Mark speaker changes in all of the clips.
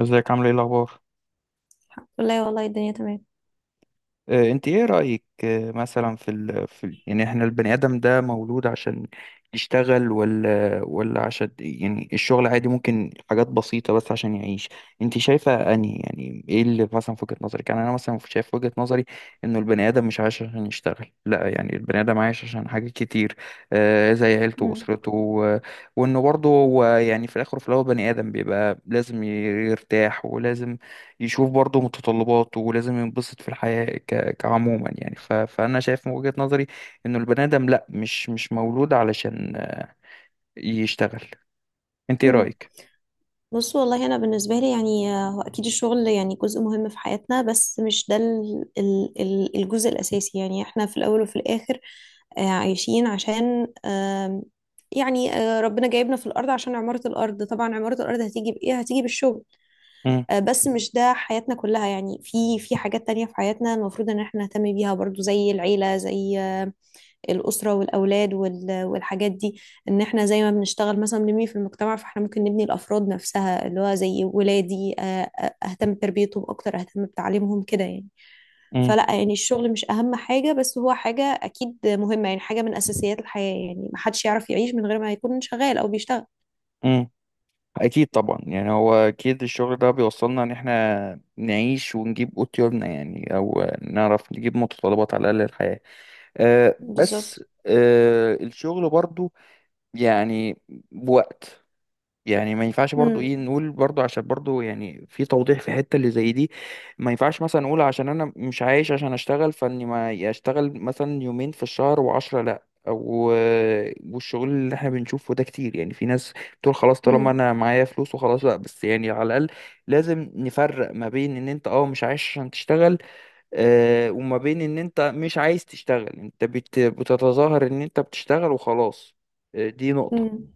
Speaker 1: ازيك، عامل ايه، الاخبار؟
Speaker 2: لا والله الدنيا تمام.
Speaker 1: انت ايه رايك؟ آه، مثلا في ال... في ال... يعني احنا البني ادم ده مولود عشان يشتغل ولا عشان، يعني الشغل عادي ممكن حاجات بسيطه بس عشان يعيش. انت شايفه انهي، يعني ايه اللي مثلا في وجهه نظرك؟ يعني انا مثلا شايف في وجهه نظري انه البني ادم مش عايش عشان يشتغل، لا، يعني البني ادم عايش عشان حاجات كتير، زي عيلته
Speaker 2: مم.
Speaker 1: واسرته وانه برضه هو، يعني في الاخر وفي الاول، بني ادم بيبقى لازم يرتاح ولازم يشوف برضه متطلباته ولازم ينبسط في الحياة كعموما، يعني فأنا شايف من وجهة نظري إنه البني آدم لأ، مش مولود علشان يشتغل. أنت إيه
Speaker 2: مم.
Speaker 1: رأيك؟
Speaker 2: بص والله انا بالنسبه لي هو اكيد الشغل يعني جزء مهم في حياتنا بس مش ده الجزء الاساسي. يعني احنا في الاول وفي الاخر عايشين عشان آم، يعني آه، ربنا جايبنا في الارض عشان عماره الارض. طبعا عماره الارض هتيجي بايه؟ هتيجي بالشغل.
Speaker 1: مم.
Speaker 2: بس مش ده حياتنا كلها. يعني في حاجات تانية في حياتنا المفروض ان احنا نهتم بيها برضو، زي العيله، زي الأسرة والأولاد والحاجات دي. إن إحنا زي ما بنشتغل مثلا بنبني في المجتمع، فإحنا ممكن نبني الأفراد نفسها، اللي هو زي ولادي. أهتم بتربيتهم أكتر، أهتم بتعليمهم كده يعني.
Speaker 1: مم.
Speaker 2: فلا، يعني الشغل مش أهم حاجة، بس هو حاجة أكيد مهمة، يعني حاجة من أساسيات الحياة. يعني محدش يعرف يعيش من غير ما يكون شغال أو بيشتغل.
Speaker 1: مم. أكيد طبعا، يعني هو أكيد الشغل ده بيوصلنا إن إحنا نعيش ونجيب قوتيولنا، يعني أو نعرف نجيب متطلبات على الأقل الحياة. أه بس
Speaker 2: بالظبط.
Speaker 1: الشغل برضه يعني بوقت، يعني ما ينفعش برضو
Speaker 2: مم.
Speaker 1: ايه، نقول برضو عشان برضو يعني في توضيح في حتة اللي زي دي. ما ينفعش مثلا نقول عشان انا مش عايش عشان اشتغل فاني ما اشتغل مثلا يومين في الشهر وعشرة، لا. والشغل اللي احنا بنشوفه ده كتير، يعني في ناس بتقول خلاص طالما
Speaker 2: مم.
Speaker 1: انا معايا فلوس وخلاص، لا بس يعني على الاقل لازم نفرق ما بين ان انت مش عايش عشان تشتغل، وما بين ان انت مش عايز تشتغل، انت بتتظاهر ان انت بتشتغل وخلاص. دي نقطة،
Speaker 2: مم.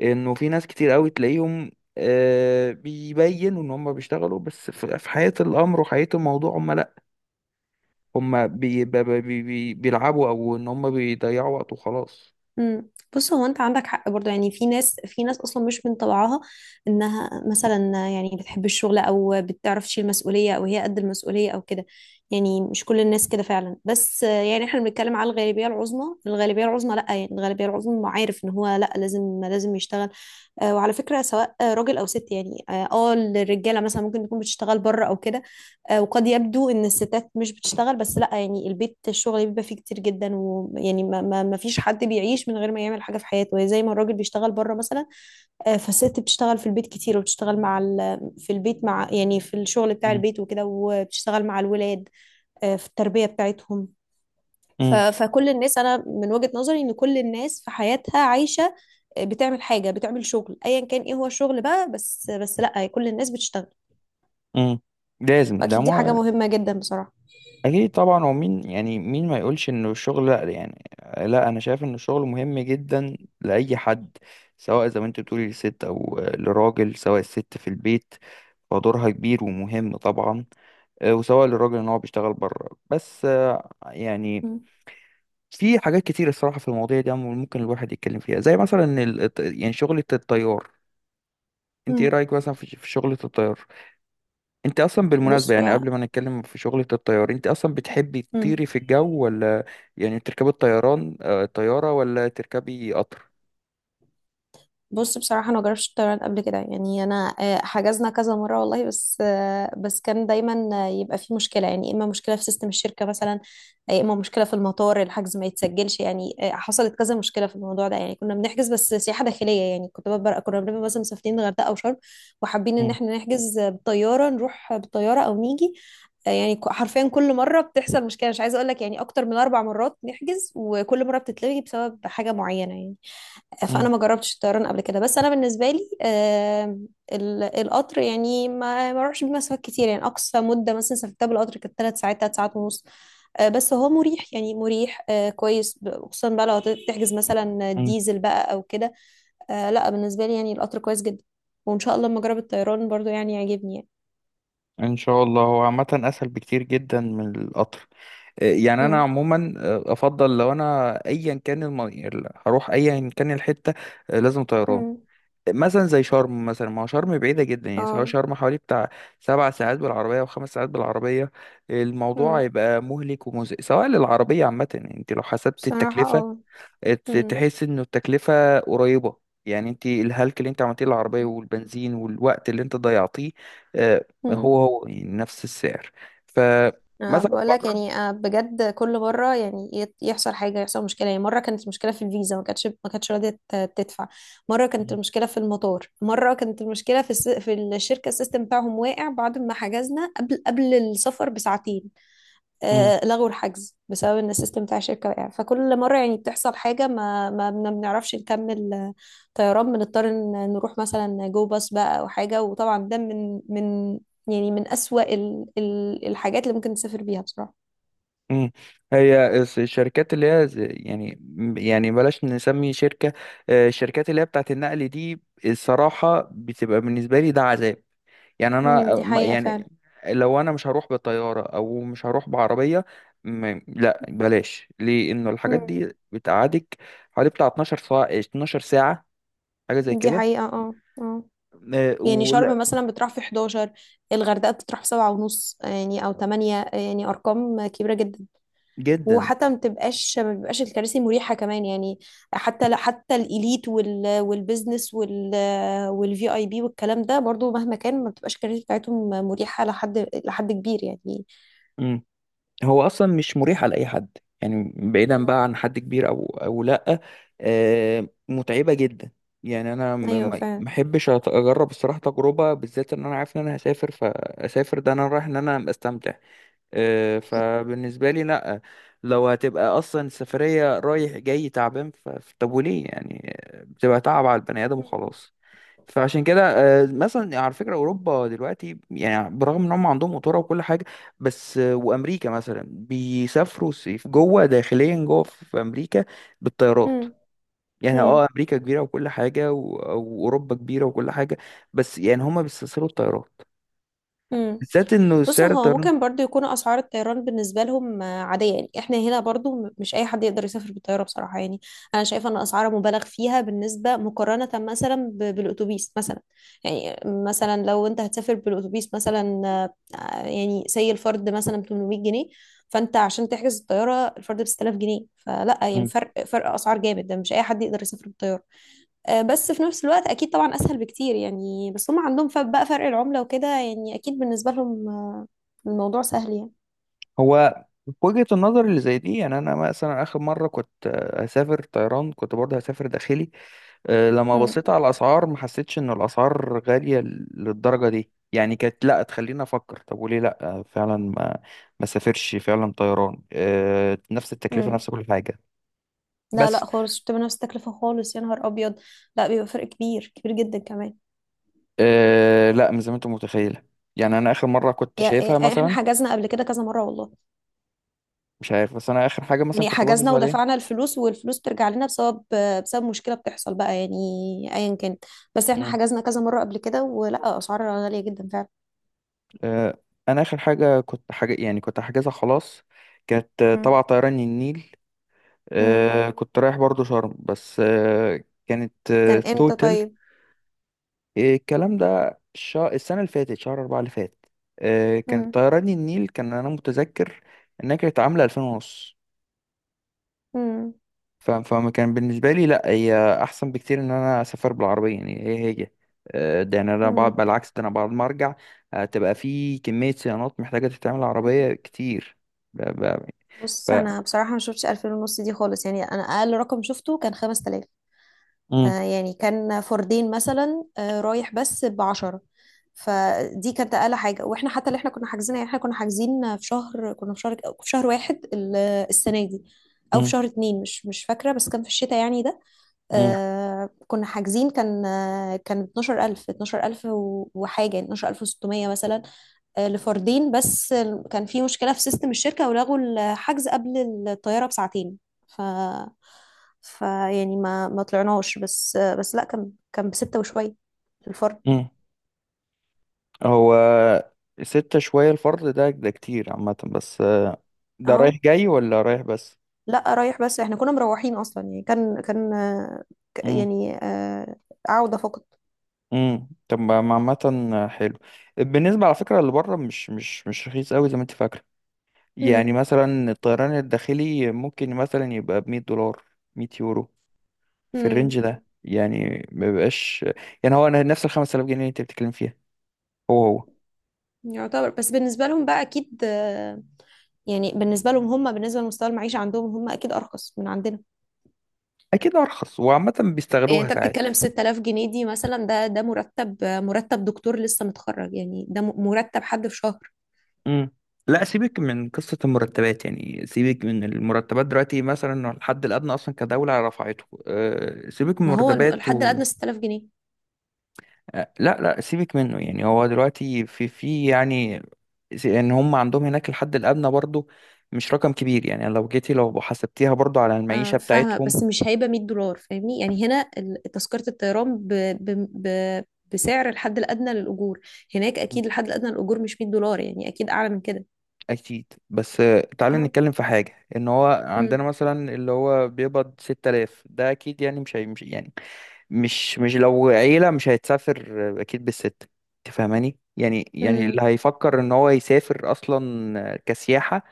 Speaker 1: انه في ناس كتير قوي تلاقيهم بيبينوا ان هم بيشتغلوا، بس في حقيقة الامر وحقيقة الموضوع هم لا، هم بي بي بي بي بيلعبوا، او ان هم بيضيعوا وقت وخلاص.
Speaker 2: امم. بص، هو انت عندك حق برضه. يعني في ناس اصلا مش من طبعها انها مثلا يعني بتحب الشغل او بتعرف تشيل مسؤوليه او هي قد المسؤوليه او كده. يعني مش كل الناس كده فعلا، بس يعني احنا بنتكلم على الغالبيه العظمى. الغالبيه العظمى لا، يعني الغالبيه العظمى عارف ان هو لا، لازم يشتغل. وعلى فكره، سواء راجل او ست. يعني الرجاله مثلا ممكن تكون بتشتغل بره او كده. وقد يبدو ان الستات مش بتشتغل، بس لا، يعني البيت الشغل بيبقى فيه كتير جدا. ويعني ما فيش حد بيعيش من غير ما يعمل حاجه في حياته. يعني زي ما الراجل بيشتغل بره مثلا، فالست بتشتغل في البيت كتير، وبتشتغل مع في الشغل بتاع
Speaker 1: مم.
Speaker 2: البيت وكده، وبتشتغل مع الولاد في التربيه بتاعتهم.
Speaker 1: مم.
Speaker 2: فكل الناس انا من وجهة نظري ان كل الناس في حياتها عايشة، بتعمل حاجة، بتعمل شغل، ايا كان ايه هو الشغل بقى، بس لا، كل الناس بتشتغل.
Speaker 1: مم. لازم ده
Speaker 2: واكيد دي حاجة
Speaker 1: مع...
Speaker 2: مهمة جدا بصراحة.
Speaker 1: اكيد طبعا، هو مين يعني، مين ما يقولش انه الشغل لا، يعني لا، انا شايف ان الشغل مهم جدا لاي حد، سواء زي ما انت بتقولي، لست او لراجل. سواء الست في البيت فدورها كبير ومهم طبعا، وسواء للراجل ان هو بيشتغل بره. بس يعني
Speaker 2: مم.
Speaker 1: في حاجات كتير الصراحه في المواضيع دي ممكن الواحد يتكلم فيها، زي مثلا يعني شغله الطيار. انت ايه
Speaker 2: مم.
Speaker 1: رايك مثلا في شغله الطيار؟ انت اصلا
Speaker 2: بص
Speaker 1: بالمناسبه، يعني
Speaker 2: هو.
Speaker 1: قبل ما نتكلم في شغله الطيار، انت اصلا بتحبي
Speaker 2: مم.
Speaker 1: تطيري في الجو؟ ولا يعني تركبي الطيران، الطياره، ولا تركبي قطر؟
Speaker 2: بص بصراحة أنا مجربتش الطيران قبل كده. يعني أنا حجزنا كذا مرة والله، بس كان دايما يبقى في مشكلة. يعني إما مشكلة في سيستم الشركة مثلا، يا إما مشكلة في المطار الحجز ما يتسجلش. يعني حصلت كذا مشكلة في الموضوع ده. يعني كنا بنحجز بس سياحة داخلية. يعني كنت ببقى كنا بنبقى مثلا مسافرين الغردقة أو شرم، وحابين إن
Speaker 1: مم،
Speaker 2: إحنا نحجز بالطيارة، نروح بالطيارة أو نيجي يعني. حرفيا كل مرة بتحصل مشكلة، مش عايزة أقول لك، يعني أكتر من أربع مرات نحجز وكل مرة بتتلغي بسبب حاجة معينة يعني. فانا
Speaker 1: مم،
Speaker 2: ما جربتش الطيران قبل كده. بس انا بالنسبه لي القطر، يعني ما اروحش بمسافات كتير. يعني اقصى مده مثلا سافرتها بالقطر كانت 3 ساعات، 3 ساعات ونص. بس هو مريح، يعني مريح، كويس، خصوصا بقى لو تحجز مثلا
Speaker 1: مم.
Speaker 2: ديزل بقى او كده. لا بالنسبه لي يعني القطر كويس جدا. وان شاء الله لما اجرب الطيران برضو يعني يعجبني يعني.
Speaker 1: ان شاء الله. هو عامه اسهل بكتير جدا من القطر، يعني انا
Speaker 2: امم.
Speaker 1: عموما افضل لو انا، ايا كان هروح ايا كان الحته، لازم طيران.
Speaker 2: امم.
Speaker 1: مثلا زي شرم، مثلا ما هو شرم بعيده جدا، يعني سواء
Speaker 2: اه.
Speaker 1: شرم حوالي بتاع 7 ساعات بالعربيه او 5 ساعات بالعربيه، الموضوع
Speaker 2: امم.
Speaker 1: هيبقى مهلك ومزق سواء للعربيه عامه. يعني انت لو حسبت
Speaker 2: بصراحه
Speaker 1: التكلفه
Speaker 2: اه.
Speaker 1: تحس انه التكلفه قريبه، يعني انت الهلك اللي انت عملتيه للعربيه والبنزين والوقت اللي انت ضيعتيه، آه،
Speaker 2: امم.
Speaker 1: هو هو يعني نفس السعر.
Speaker 2: أه
Speaker 1: فمثلا
Speaker 2: بقول لك،
Speaker 1: بره.
Speaker 2: يعني أه بجد كل مره يعني يحصل حاجه، يحصل مشكله. يعني مره كانت المشكله في الفيزا، ما كانتش راضيه تدفع. مره كانت المشكله في المطار. مره كانت المشكله في الشركه، السيستم بتاعهم واقع بعد ما حجزنا قبل السفر بساعتين. لغوا الحجز بسبب ان السيستم بتاع الشركه وقع. فكل مره يعني بتحصل حاجه ما ما بن- بنعرفش نكمل طيران، بنضطر إن نروح مثلا جو باص بقى او حاجه. وطبعا ده من اسوأ ال ال الحاجات اللي ممكن تسافر بيها بصراحه.
Speaker 1: مم. هي الشركات اللي هي يعني، يعني بلاش نسمي شركة، الشركات اللي هي بتاعت النقل دي، الصراحة بتبقى بالنسبة لي ده عذاب، يعني أنا
Speaker 2: امم. دي حقيقه فعلا.
Speaker 1: يعني لو أنا مش هروح بالطيارة أو مش هروح بعربية، لا بلاش. ليه إنه الحاجات
Speaker 2: امم.
Speaker 1: دي بتقعدك حوالي بتاع 12 ساعة، 12 ساعة، حاجة زي
Speaker 2: دي
Speaker 1: كده،
Speaker 2: حقيقه اه. اه. يعني
Speaker 1: ولا؟
Speaker 2: شرم مثلا بتروح في 11، الغردقه بتروح في سبعة ونص يعني او 8. يعني ارقام كبيره جدا.
Speaker 1: جدا.
Speaker 2: وحتى ما بتبقاش ما بيبقاش الكراسي مريحة كمان. يعني حتى لا حتى الإليت والبزنس والفي اي بي والكلام ده برضو، مهما كان ما بتبقاش الكراسي بتاعتهم مريحة لحد كبير يعني.
Speaker 1: هو اصلا مش مريحه لاي حد، يعني بعيدا بقى عن حد كبير او لا، متعبه جدا. يعني انا م-
Speaker 2: ايوه
Speaker 1: ما
Speaker 2: فعلا.
Speaker 1: ما احبش اجرب الصراحه تجربه، بالذات ان انا عارف ان انا هسافر، فاسافر ده انا رايح ان انا استمتع، فبالنسبه لي لا، لو هتبقى اصلا السفريه رايح جاي تعبان، طب وليه يعني؟ بتبقى تعب على البني ادم وخلاص. فعشان كده، مثلا على فكرة أوروبا دلوقتي يعني برغم إن هم عندهم قطورة وكل حاجة، بس وأمريكا مثلا بيسافروا صيف جوه، داخليا جوه في أمريكا، بالطيارات.
Speaker 2: مم.
Speaker 1: يعني
Speaker 2: مم.
Speaker 1: أمريكا كبيرة وكل حاجة وأوروبا كبيرة وكل حاجة، بس يعني هم بيستسهلوا الطيارات،
Speaker 2: امم.
Speaker 1: بالذات إنه
Speaker 2: بص
Speaker 1: سعر
Speaker 2: هو
Speaker 1: الطيران.
Speaker 2: ممكن برضو يكون اسعار الطيران بالنسبه لهم عاديه. يعني احنا هنا برضو مش اي حد يقدر يسافر بالطياره بصراحه يعني. انا شايفه ان اسعارها مبالغ فيها بالنسبه، مقارنه مثلا بالاتوبيس مثلا. يعني مثلا لو انت هتسافر بالاتوبيس مثلا، يعني سي الفرد مثلا 800 جنيه، فانت عشان تحجز الطياره الفرد ب 6000 جنيه. فلا، يعني فرق اسعار جامد، ده مش اي حد يقدر يسافر بالطياره. بس في نفس الوقت اكيد طبعا اسهل بكتير. يعني بس هم عندهم بقى فرق العملة وكده. يعني اكيد بالنسبة لهم الموضوع سهل يعني.
Speaker 1: هو في وجهة النظر اللي زي دي، يعني انا مثلا اخر مره كنت هسافر طيران كنت برضه هسافر داخلي، لما
Speaker 2: مم.
Speaker 1: بصيت على الاسعار ما حسيتش ان الاسعار غاليه للدرجه دي، يعني كانت لا تخليني افكر طب وليه لا، فعلا ما سافرش فعلا طيران، نفس التكلفه
Speaker 2: مم.
Speaker 1: نفس كل حاجه.
Speaker 2: لا
Speaker 1: بس
Speaker 2: لا خالص، مش بتبقى نفس التكلفة خالص، يا نهار ابيض. لا بيبقى فرق كبير، كبير جدا كمان.
Speaker 1: لا مش زي ما انت متخيله، يعني انا اخر مره كنت شايفها
Speaker 2: احنا
Speaker 1: مثلا،
Speaker 2: حجزنا قبل كده كذا مرة والله.
Speaker 1: مش عارف، بس انا اخر حاجه مثلا
Speaker 2: يعني
Speaker 1: كنت باصص
Speaker 2: حجزنا
Speaker 1: عليها،
Speaker 2: ودفعنا الفلوس، والفلوس بترجع لنا بسبب، بسبب مشكلة بتحصل بقى يعني، ايا كانت. بس احنا حجزنا كذا مرة قبل كده، ولا اسعار غالية جدا فعلا.
Speaker 1: آه، انا اخر حاجه كنت حاجه يعني كنت حاجزها خلاص، كانت
Speaker 2: مم.
Speaker 1: تبع طيران النيل،
Speaker 2: مم.
Speaker 1: كنت رايح برضو شرم، بس كانت
Speaker 2: كان امتى
Speaker 1: توتال.
Speaker 2: طيب؟
Speaker 1: الكلام ده السنه اللي فاتت شهر أربعة اللي فات،
Speaker 2: مم.
Speaker 1: كانت طيران النيل، كان انا متذكر انها كانت عامله 2000 ونص،
Speaker 2: مم.
Speaker 1: فما كان بالنسبة لي لا، هي أحسن بكتير إن أنا أسافر بالعربية، يعني هي ده يعني أنا بعد،
Speaker 2: مم.
Speaker 1: بالعكس، ده أنا بعد ما أرجع تبقى في كمية صيانات محتاجة تتعمل، عربية كتير. ب- ب- ف
Speaker 2: بص انا بصراحه ما شفتش 2000 ونص دي خالص. يعني انا اقل رقم شفته كان 5000.
Speaker 1: مم،
Speaker 2: آه، يعني كان فردين مثلا، آه رايح بس ب 10. فدي كانت اقل حاجه. واحنا حتى اللي احنا كنا حاجزين، يعني احنا كنا حاجزين في شهر، كنا في شهر واحد السنه دي، او في
Speaker 1: مم،
Speaker 2: شهر اتنين، مش فاكره، بس كان في الشتاء يعني ده.
Speaker 1: مم،
Speaker 2: آه كنا حاجزين، كان آه كان 12000 وحاجه، يعني 12600 مثلا. لفردين بس. كان في مشكلة في سيستم الشركة ولغوا الحجز قبل الطيارة بساعتين. ف ف يعني ما ما طلعناش. بس لا، كان بستة وشوية الفرد.
Speaker 1: مم. هو ستة شوية الفرد ده كتير عامة، بس ده رايح
Speaker 2: اه.
Speaker 1: جاي ولا رايح بس؟
Speaker 2: لا رايح بس، احنا كنا مروحين اصلا. يعني كان ك-
Speaker 1: مم،
Speaker 2: يعني آه، عودة فقط.
Speaker 1: مم. طب ما عامة حلو، بالنسبة على فكرة اللي بره مش رخيص أوي زي ما أنت فاكرة، يعني
Speaker 2: امم.
Speaker 1: مثلا الطيران الداخلي ممكن مثلا يبقى ب100 دولار، 100 يورو، في
Speaker 2: امم.
Speaker 1: الرينج ده، يعني ما بيبقاش، يعني هو أنا نفس ال5000 جنيه اللي انت بتتكلم فيها. هو هو.
Speaker 2: يعتبر، بس بالنسبة لهم بقى اكيد يعني بالنسبة لمستوى المعيشة عندهم هم اكيد ارخص من عندنا.
Speaker 1: أكيد أرخص، وعامة
Speaker 2: يعني
Speaker 1: بيستغلوها
Speaker 2: انت
Speaker 1: ساعات.
Speaker 2: بتتكلم 6000 جنيه دي مثلا، ده ده مرتب، مرتب دكتور لسه متخرج، يعني ده مرتب حد في شهر.
Speaker 1: امم لا، سيبك من قصة المرتبات، يعني سيبك من المرتبات دلوقتي، مثلا الحد الأدنى أصلا كدولة رفعته، سيبك من
Speaker 2: ما هو
Speaker 1: المرتبات.
Speaker 2: الحد الادنى 6000 جنيه.
Speaker 1: لا لا، سيبك منه، يعني هو دلوقتي في يعني ان هم عندهم هناك الحد الادنى برضو مش رقم كبير، يعني لو جيتي لو حسبتيها برضو على المعيشه
Speaker 2: اه فاهمه،
Speaker 1: بتاعتهم.
Speaker 2: بس مش هيبقى 100 دولار، فاهمني يعني هنا تذكره الطيران ب ب ب بسعر الحد الادنى للاجور. هناك
Speaker 1: مم.
Speaker 2: اكيد الحد الادنى للاجور مش 100 دولار، يعني اكيد اعلى من كده.
Speaker 1: اكيد، بس تعالى
Speaker 2: اه.
Speaker 1: نتكلم في حاجه، ان هو عندنا
Speaker 2: امم.
Speaker 1: مثلا اللي هو بيقبض 6000 ده، اكيد يعني مش هي، مش يعني، مش لو عيله مش هيتسافر. اكيد بالست، انت فاهماني يعني، يعني اللي
Speaker 2: امم.
Speaker 1: هيفكر ان هو يسافر اصلا كسياحه،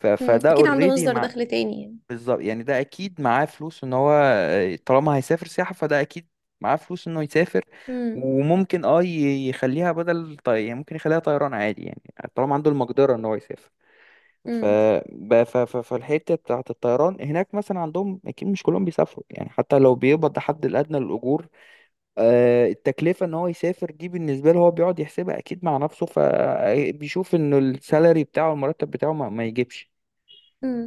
Speaker 2: امم.
Speaker 1: فده
Speaker 2: اكيد عنده
Speaker 1: اوريدي،
Speaker 2: مصدر دخل تاني يعني.
Speaker 1: بالظبط، يعني ده اكيد معاه فلوس، ان هو طالما هيسافر سياحة فده اكيد معاه فلوس انه يسافر،
Speaker 2: امم.
Speaker 1: وممكن يخليها بدل يعني ممكن يخليها طيران عادي يعني، طالما عنده المقدرة ان هو يسافر. ف...
Speaker 2: امم.
Speaker 1: ب- ف... ف... فالحتة بتاعة الطيران هناك مثلا عندهم، اكيد مش كلهم بيسافروا، يعني حتى لو بيقبض الحد الادنى للاجور، التكلفة ان هو يسافر دي بالنسبة له، هو بيقعد يحسبها اكيد مع نفسه، فبيشوف ان السالري بتاعه، المرتب بتاعه، ما يجيبش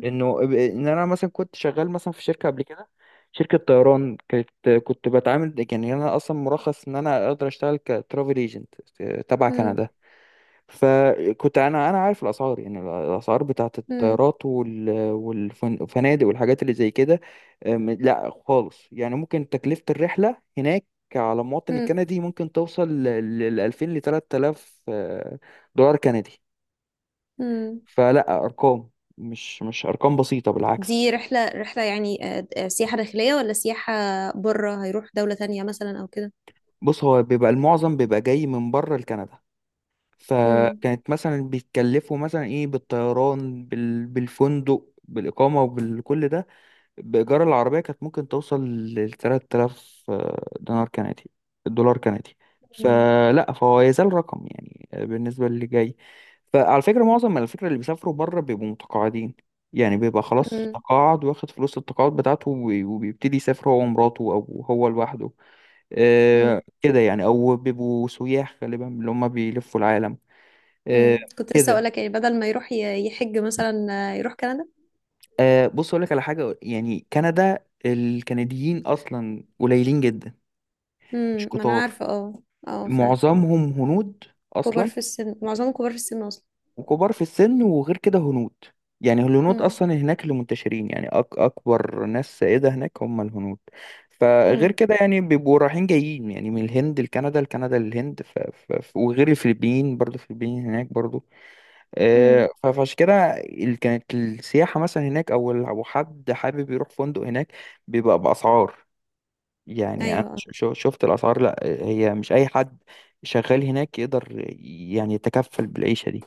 Speaker 1: انه ان انا مثلا كنت شغال مثلا في شركه قبل كده، شركه طيران كانت، كنت بتعامل، يعني انا اصلا مرخص ان انا اقدر اشتغل كترافل ايجنت تبع
Speaker 2: امم.
Speaker 1: كندا، فكنت انا عارف الاسعار، يعني الاسعار بتاعت
Speaker 2: امم.
Speaker 1: الطيارات والفنادق والحاجات اللي زي كده. لا خالص، يعني ممكن تكلفه الرحله هناك على المواطن الكندي ممكن توصل ل 2000 ل 3000 دولار كندي،
Speaker 2: امم.
Speaker 1: فلا، ارقام مش ارقام بسيطه، بالعكس.
Speaker 2: دي رحلة يعني سياحة داخلية ولا سياحة بره، هيروح دولة تانية مثلا أو كده؟
Speaker 1: بص، هو بيبقى المعظم بيبقى جاي من بره لكندا،
Speaker 2: مم.
Speaker 1: فكانت مثلا بيتكلفوا مثلا ايه بالطيران، بالفندق، بالإقامة، وبالكل ده، بإيجار العربية كانت ممكن توصل لتلات آلاف، دينار كندي دولار كندي،
Speaker 2: مم.
Speaker 1: فلا، فهو يزال رقم يعني بالنسبة للي جاي، فعلى فكرة معظم على فكرة اللي بيسافروا بره بيبقوا متقاعدين، يعني بيبقى خلاص
Speaker 2: مم.
Speaker 1: تقاعد، واخد فلوس التقاعد بتاعته، وبيبتدي يسافر هو ومراته أو هو لوحده،
Speaker 2: مم.
Speaker 1: كده يعني، او بيبقوا سياح غالبا اللي هم بيلفوا العالم. آه،
Speaker 2: مم. كنت لسه
Speaker 1: كده
Speaker 2: أقولك، يعني بدل ما يروح يحج مثلا، يروح كندا.
Speaker 1: آه، بص اقول لك على حاجه، يعني كندا الكنديين اصلا قليلين جدا، مش
Speaker 2: مم. ما أنا
Speaker 1: كتار،
Speaker 2: عارفة اه. اه فعلا.
Speaker 1: معظمهم هنود
Speaker 2: كبار
Speaker 1: اصلا،
Speaker 2: في السن، معظمهم كبار في السن أصلا.
Speaker 1: وكبار في السن، وغير كده هنود، يعني الهنود
Speaker 2: مم.
Speaker 1: اصلا هناك اللي منتشرين، يعني اكبر ناس سائده هناك هم الهنود، فغير
Speaker 2: مم.
Speaker 1: كده يعني بيبقوا رايحين جايين، يعني من الهند لكندا، لكندا للهند، وغير الفلبين برضه، الفلبين هناك برضه،
Speaker 2: مم.
Speaker 1: فعشان كده كانت السياحة مثلا هناك، أو لو حد حابب يروح فندق هناك بيبقى بأسعار، يعني أنا
Speaker 2: أيوة اه.
Speaker 1: شفت الأسعار، لأ، هي مش أي حد شغال هناك يقدر يعني يتكفل بالعيشة دي،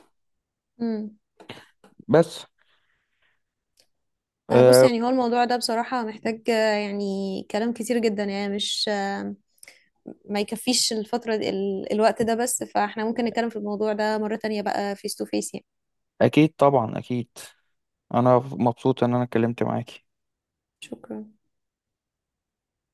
Speaker 2: مم.
Speaker 1: بس
Speaker 2: بص،
Speaker 1: آه،
Speaker 2: يعني هو الموضوع ده بصراحة محتاج يعني كلام كتير جدا، يعني مش ما يكفيش الفترة دي، الوقت ده بس. فاحنا ممكن نتكلم في الموضوع ده مرة تانية بقى، فيس تو فيس يعني.
Speaker 1: أكيد طبعا، أكيد، أنا مبسوط إن أنا اتكلمت معاك.
Speaker 2: شكرا.